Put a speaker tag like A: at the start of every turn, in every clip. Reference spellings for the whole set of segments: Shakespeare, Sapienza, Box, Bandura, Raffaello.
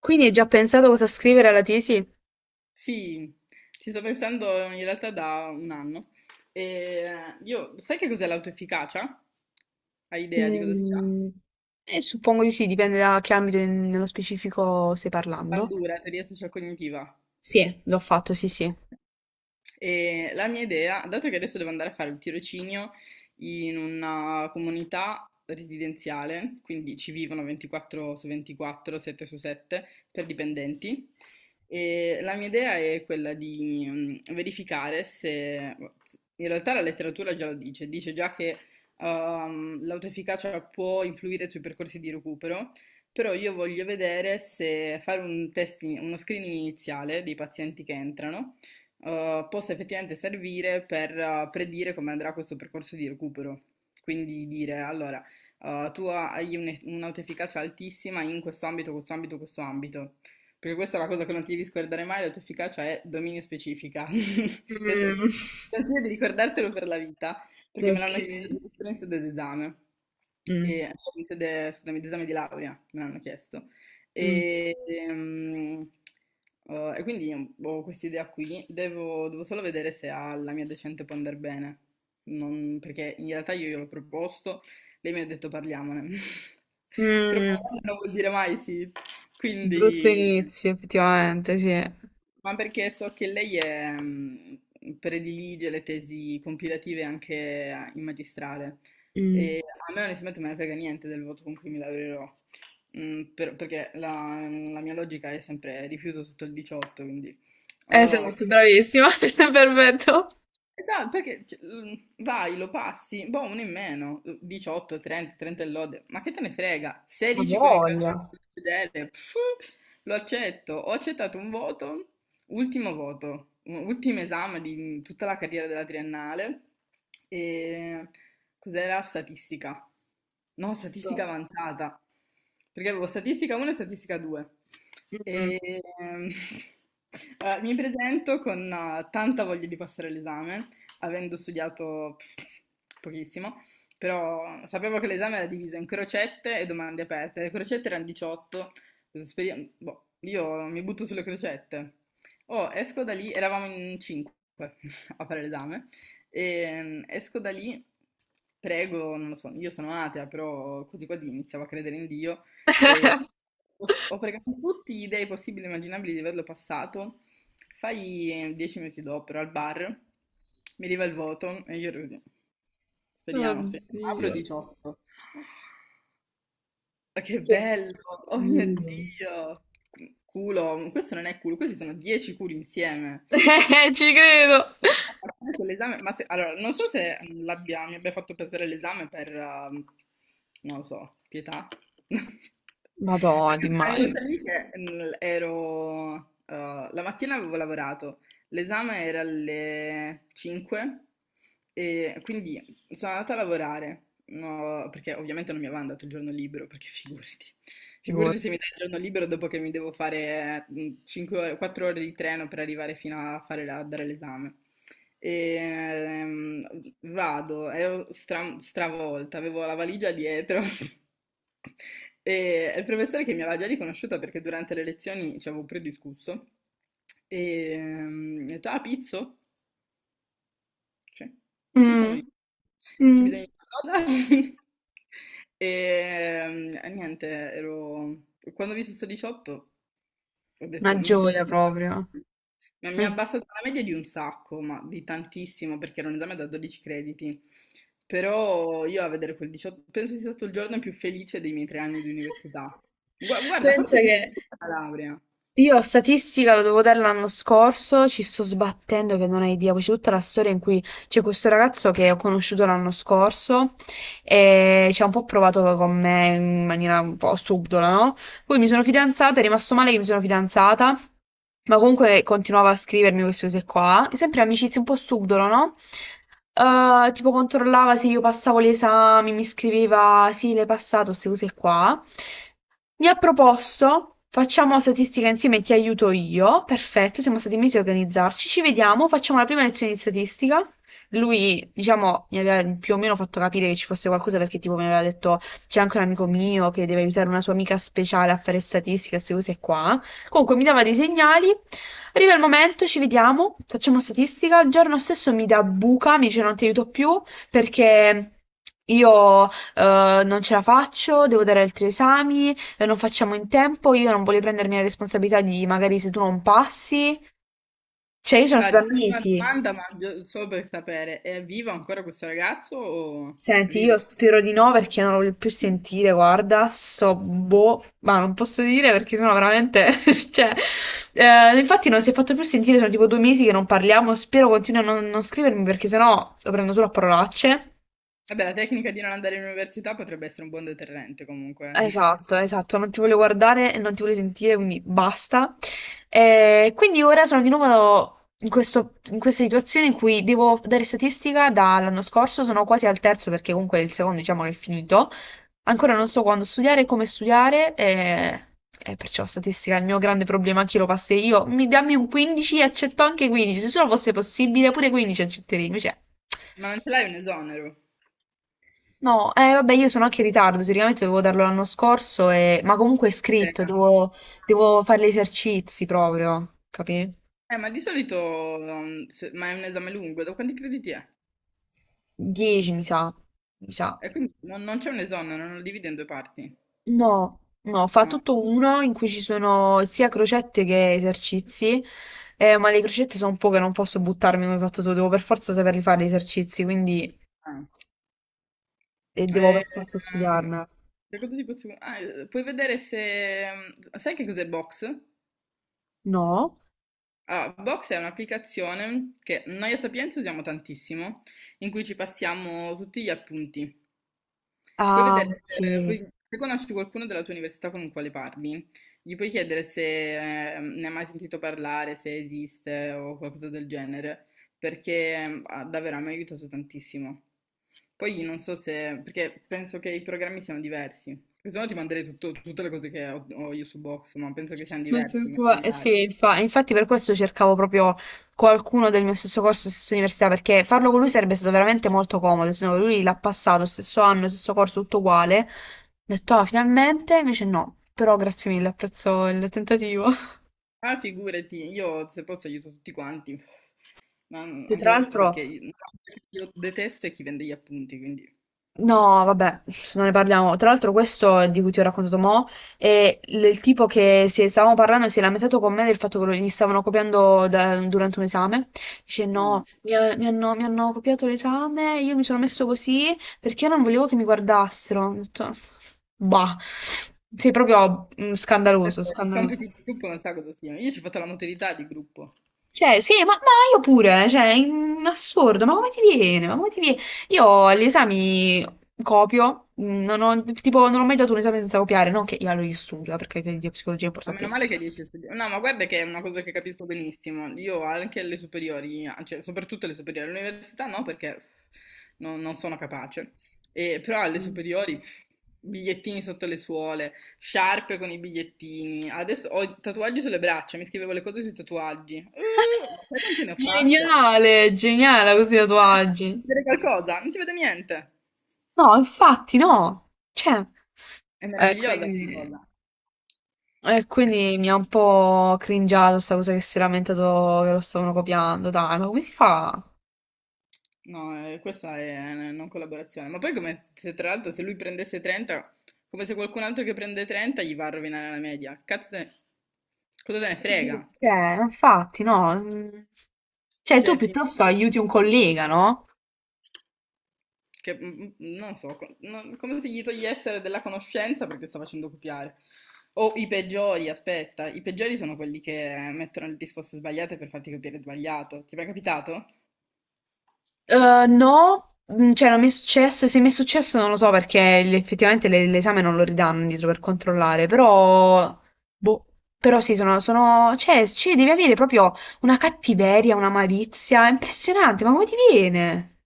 A: Quindi hai già pensato cosa scrivere alla tesi?
B: Sì, ci sto pensando in realtà da un anno. E io, sai che cos'è l'autoefficacia? Hai idea di cosa sia?
A: Mm, suppongo di sì, dipende da che ambito nello specifico stai parlando.
B: Bandura, teoria social cognitiva.
A: Sì, l'ho fatto, sì, sì.
B: E la mia idea, dato che adesso devo andare a fare il tirocinio in una comunità residenziale, quindi ci vivono 24 su 24, 7 su 7 per
A: Mm.
B: dipendenti, e la mia idea è quella di verificare se, in realtà la letteratura già lo dice, dice già che l'autoefficacia può influire sui percorsi di recupero, però io voglio vedere se fare un test, uno screening iniziale dei pazienti che entrano possa effettivamente servire per predire come andrà questo percorso di recupero. Quindi dire, allora, tu hai un'autoefficacia altissima in questo ambito, questo ambito, questo ambito. Perché questa è la cosa che non ti devi scordare mai, l'autoefficacia è dominio specifica. Questo è- Ti consiglio di ricordartelo per la vita, perché me
A: Ok.
B: l'hanno chiesto addirittura in sede d'esame.
A: Mm,
B: E, cioè, in sede, scusami, d'esame di laurea me l'hanno chiesto.
A: mm.
B: E, ehm, e quindi ho questa idea qui, devo solo vedere se alla mia docente può andare bene. Perché in realtà io gliel'ho proposto, lei mi ha detto parliamone, però
A: Mm,
B: parlando non vuol dire mai sì,
A: brutto
B: quindi
A: inizio, effettivamente, sì.
B: ma perché so che lei è, predilige le tesi compilative anche in magistrale
A: Mm.
B: e a me onestamente me ne frega niente del voto con cui mi laureerò. Perché la mia logica è sempre rifiuto sotto il 18, quindi... eh,
A: Esatto, bravissima, perfetto.
B: Dai, perché cioè, vai, lo passi, boh, uno in meno, 18, 30, 30 e lode, ma che te ne frega?
A: Ha
B: 16 con il calcio
A: voglia.
B: sul sedere, pff, lo accetto, ho accettato un voto. Ultimo voto, ultimo esame di tutta la carriera della triennale. E cos'era statistica? No, statistica
A: Do.
B: avanzata, perché avevo statistica 1 e statistica 2.
A: Mm.
B: E, allora, mi presento con tanta voglia di passare l'esame, avendo studiato pff, pochissimo, però sapevo che l'esame era diviso in crocette e domande aperte. Le crocette erano 18, boh, io mi butto sulle crocette. Oh, esco da lì, eravamo in cinque a fare l'esame, e esco da lì, prego, non lo so, io sono atea, però così qua iniziavo a credere in Dio, e ho pregato tutti gli dei possibili e immaginabili di averlo passato, fai 10 minuti dopo, ero al bar, mi arriva il voto, e io ero così, speriamo, speriamo, apro
A: Oddio.
B: 18, ma che
A: Che
B: bello! Oh mio
A: mm.
B: Dio! Culo, questo non è culo, questi sono 10 culi insieme. Cioè,
A: Ci credo.
B: a parte allora, non so se mi abbia fatto perdere l'esame per, non lo so, pietà.
A: Madonna, ti
B: Perché sono
A: immagino.
B: arrivata lì che la mattina avevo lavorato, l'esame era alle 5 e quindi sono andata a lavorare, no, perché ovviamente non mi avevano dato il giorno libero, perché figurati, figurati se
A: Figurati.
B: mi dai il giorno libero dopo che mi devo fare 5 ore, 4 ore di treno per arrivare fino a, a dare l'esame. E, vado, ero stravolta, avevo la valigia dietro. E il professore che mi aveva già riconosciuta perché durante le lezioni ci avevo prediscusso, e mi ha detto, ah, Pizzo? Sì, sì, sono io.
A: Mm,
B: C'è bisogno
A: mm.
B: di qualcosa? E e niente, ero... Quando ho visto sto 18 ho
A: Una
B: detto,
A: gioia proprio.
B: mi ha
A: Mm.
B: abbassato la media di un sacco, ma di tantissimo, perché era un esame da 12 crediti. Però io a vedere quel 18, penso sia stato il giorno più felice dei miei 3 anni di università. Guarda,
A: Pensa
B: forse più
A: che
B: felice della laurea.
A: io statistica lo devo dare l'anno scorso, ci sto sbattendo che non hai idea, poi c'è tutta la storia in cui c'è questo ragazzo che ho conosciuto l'anno scorso e ci ha un po' provato con me in maniera un po' subdola, no? Poi mi sono fidanzata, è rimasto male che mi sono fidanzata, ma comunque continuava a scrivermi queste cose qua, sempre amicizie un po' subdolo, no? Tipo controllava se io passavo gli esami, mi scriveva sì, l'hai passato, queste cose qua. Mi ha proposto, facciamo statistica insieme, ti aiuto io, perfetto, siamo stati mesi a organizzarci, ci vediamo, facciamo la prima lezione di statistica. Lui, diciamo, mi aveva più o meno fatto capire che ci fosse qualcosa perché tipo mi aveva detto c'è anche un amico mio che deve aiutare una sua amica speciale a fare statistica, queste cose qua. Comunque mi dava dei segnali, arriva il momento, ci vediamo, facciamo statistica, il giorno stesso mi dà buca, mi dice non ti aiuto più perché io non ce la faccio, devo dare altri esami, non facciamo in tempo, io non voglio prendermi la responsabilità di magari se tu non passi, cioè io sono
B: Ah, ti
A: stata
B: faccio una
A: mesi.
B: domanda, ma solo per sapere, è vivo ancora questo ragazzo o è
A: Senti,
B: vivo?
A: io spero di no perché non lo voglio più sentire, guarda, sto boh, ma non posso dire perché sono veramente, cioè, infatti non si è fatto più sentire, sono tipo due mesi che non parliamo, spero continui a non scrivermi perché sennò lo prendo solo a parolacce.
B: Vabbè, la tecnica di non andare in università potrebbe essere un buon deterrente comunque.
A: Esatto, esatto, non ti voglio guardare e non ti voglio sentire, quindi basta. E quindi ora sono di nuovo in in questa situazione in cui devo dare statistica dall'anno scorso, sono quasi al terzo perché comunque il secondo diciamo che è finito. Ancora non so quando studiare, come studiare, e perciò statistica è il mio grande problema, anche lo passerei io. Mi dammi un 15 e accetto anche 15, se solo fosse possibile pure 15 accetterei, invece...
B: Ma non ce l'hai un esonero?
A: No, vabbè, io sono anche in ritardo, teoricamente dovevo darlo l'anno scorso, ma comunque è scritto,
B: No.
A: devo, devo fare gli esercizi proprio, capi?
B: Ma di solito, um, se- ma è un esame lungo, da quanti crediti è?
A: 10 mi sa, mi sa.
B: E quindi non, c'è un esonero, non lo divide in due parti.
A: No, no, fa
B: No.
A: tutto uno in cui ci sono sia crocette che esercizi, ma le crocette sono poche, non posso buttarmi come hai fatto tu, devo per forza saperli fare gli esercizi, quindi
B: Ah.
A: devo
B: E,
A: per forza
B: ehm,
A: studiarmela.
B: che cosa puoi vedere se... Sai che cos'è Box?
A: No?
B: Allora, Box è un'applicazione che noi a Sapienza usiamo tantissimo, in cui ci passiamo tutti gli appunti. Puoi
A: Ah,
B: vedere
A: ok.
B: se, se conosci qualcuno della tua università con il quale parli, gli puoi chiedere se ne hai mai sentito parlare, se esiste o qualcosa del genere, perché davvero mi ha aiutato tantissimo. Poi non so se, perché penso che i programmi siano diversi, perché se no ti manderei tutte le cose che ho, io su Box, ma penso che siano
A: Non ti
B: diversi i
A: preoccupare, eh
B: materiali.
A: sì, infatti per questo cercavo proprio qualcuno del mio stesso corso, stessa università, perché farlo con lui sarebbe stato veramente molto comodo, se no lui l'ha passato, stesso anno, stesso corso, tutto uguale. Ho detto, ah, finalmente, invece no, però grazie mille, apprezzo il tentativo.
B: Ah, figurati, io se posso aiuto tutti quanti, ma
A: E tra
B: anche
A: l'altro,
B: perché io, no, io detesto è chi vende gli appunti, quindi
A: no, vabbè, non ne parliamo. Tra l'altro, questo di cui ti ho raccontato mo' è il tipo che stavamo parlando e si è lamentato con me del fatto che gli stavano copiando durante un esame. Dice: no,
B: no.
A: mi hanno copiato l'esame, io mi sono messo così perché non volevo che mi guardassero. Ho detto, bah, sei proprio mm, scandaloso,
B: Questo- è Il compito
A: scandaloso.
B: di gruppo non sa cosa sia. Io ci ho fatto la modalità di gruppo.
A: Cioè, sì, ma io pure, cioè, in assurdo, ma come ti viene? Ma come ti viene? Io agli esami copio, non ho, tipo, non ho mai dato un esame senza copiare, non che io, allora, io studio, perché la psicologia è
B: Ma meno
A: importantissima.
B: male che riesci a studiare. No, ma guarda che è una cosa che capisco benissimo. Io anche alle superiori, cioè soprattutto alle superiori, all'università no, perché non sono capace. E, però alle
A: Mm.
B: superiori, pff, bigliettini sotto le suole, sciarpe con i bigliettini. Adesso ho i tatuaggi sulle braccia, mi scrivevo le cose sui tatuaggi. Ma sai quante ne ho fatte?
A: Geniale, geniale così i
B: Eh, si
A: tatuaggi.
B: vede qualcosa? Non si vede niente.
A: No, infatti no. Cioè,
B: È meravigliosa questa
A: quindi,
B: cosa.
A: quindi mi ha un po' cringiato sta cosa che si è lamentato che lo stavano copiando. Dai, ma come si fa?
B: No, questa è una non collaborazione. Ma poi come se tra l'altro se lui prendesse 30, come se qualcun altro che prende 30 gli va a rovinare la media. Cazzo te ne... Cosa te ne frega?
A: Cioè, infatti, no. Mm. Cioè, tu
B: Cioè,
A: piuttosto aiuti un collega, no?
B: non so, come se gli togliessero della conoscenza perché sta facendo copiare. O i peggiori, aspetta, i peggiori sono quelli che mettono le risposte sbagliate per farti copiare sbagliato. Ti è mai capitato?
A: No, mm, cioè non mi è successo, e se mi è successo non lo so perché effettivamente l'esame non lo ridanno indietro per controllare, però, boh, però sì, cioè, cioè, devi avere proprio una cattiveria, una malizia, è impressionante, ma come ti viene?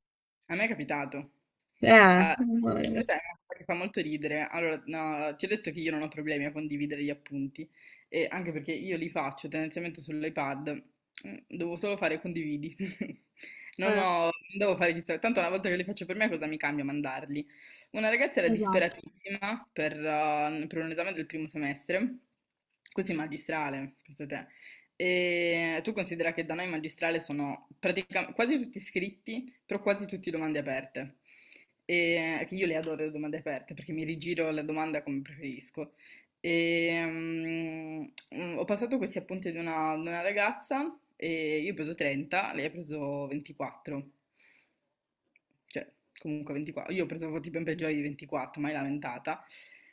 B: A me è capitato. Ah,
A: Mamma mia.
B: questa è una cosa che fa molto ridere. Allora, no, ti ho detto che io non ho problemi a condividere gli appunti, e anche perché io li faccio tendenzialmente sull'iPad, devo solo fare condividi. Non
A: Eh,
B: ho, non devo fare chissà, tanto una volta che li faccio per me cosa mi cambia mandarli? Una ragazza era
A: esatto.
B: disperatissima per un esame del primo semestre, così magistrale, pensa te. E tu considera che da noi magistrale sono praticamente quasi tutti iscritti, però quasi tutte domande aperte. E che io le adoro le domande aperte perché mi rigiro la domanda come preferisco. E, ho passato questi appunti ad una ragazza e io ho preso 30, lei ha preso 24. Cioè, comunque 24. Io pensavo tipo in peggiori di 24, mai lamentata.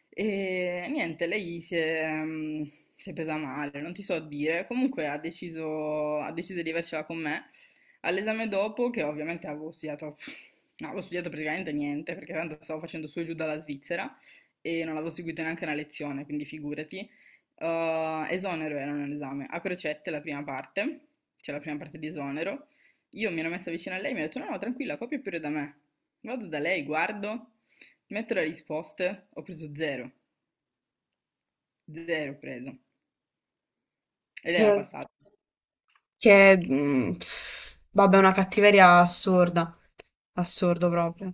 B: E niente, lei si è, mm, si è presa male, non ti so dire. Comunque ha deciso di avercela con me. All'esame dopo, che ovviamente avevo studiato, no, avevo studiato praticamente niente, perché tanto stavo facendo su e giù dalla Svizzera e non avevo seguito neanche una lezione, quindi figurati. Esonero era un esame a crocette la prima parte, cioè la prima parte di esonero, io mi ero messa vicino a lei e mi ha detto: No, no, tranquilla, copia pure da me. Vado da lei, guardo, metto le risposte, ho preso zero, zero ho preso. Ed era
A: Eh.
B: passato.
A: Che, pff, vabbè, una cattiveria assurda, assurdo proprio.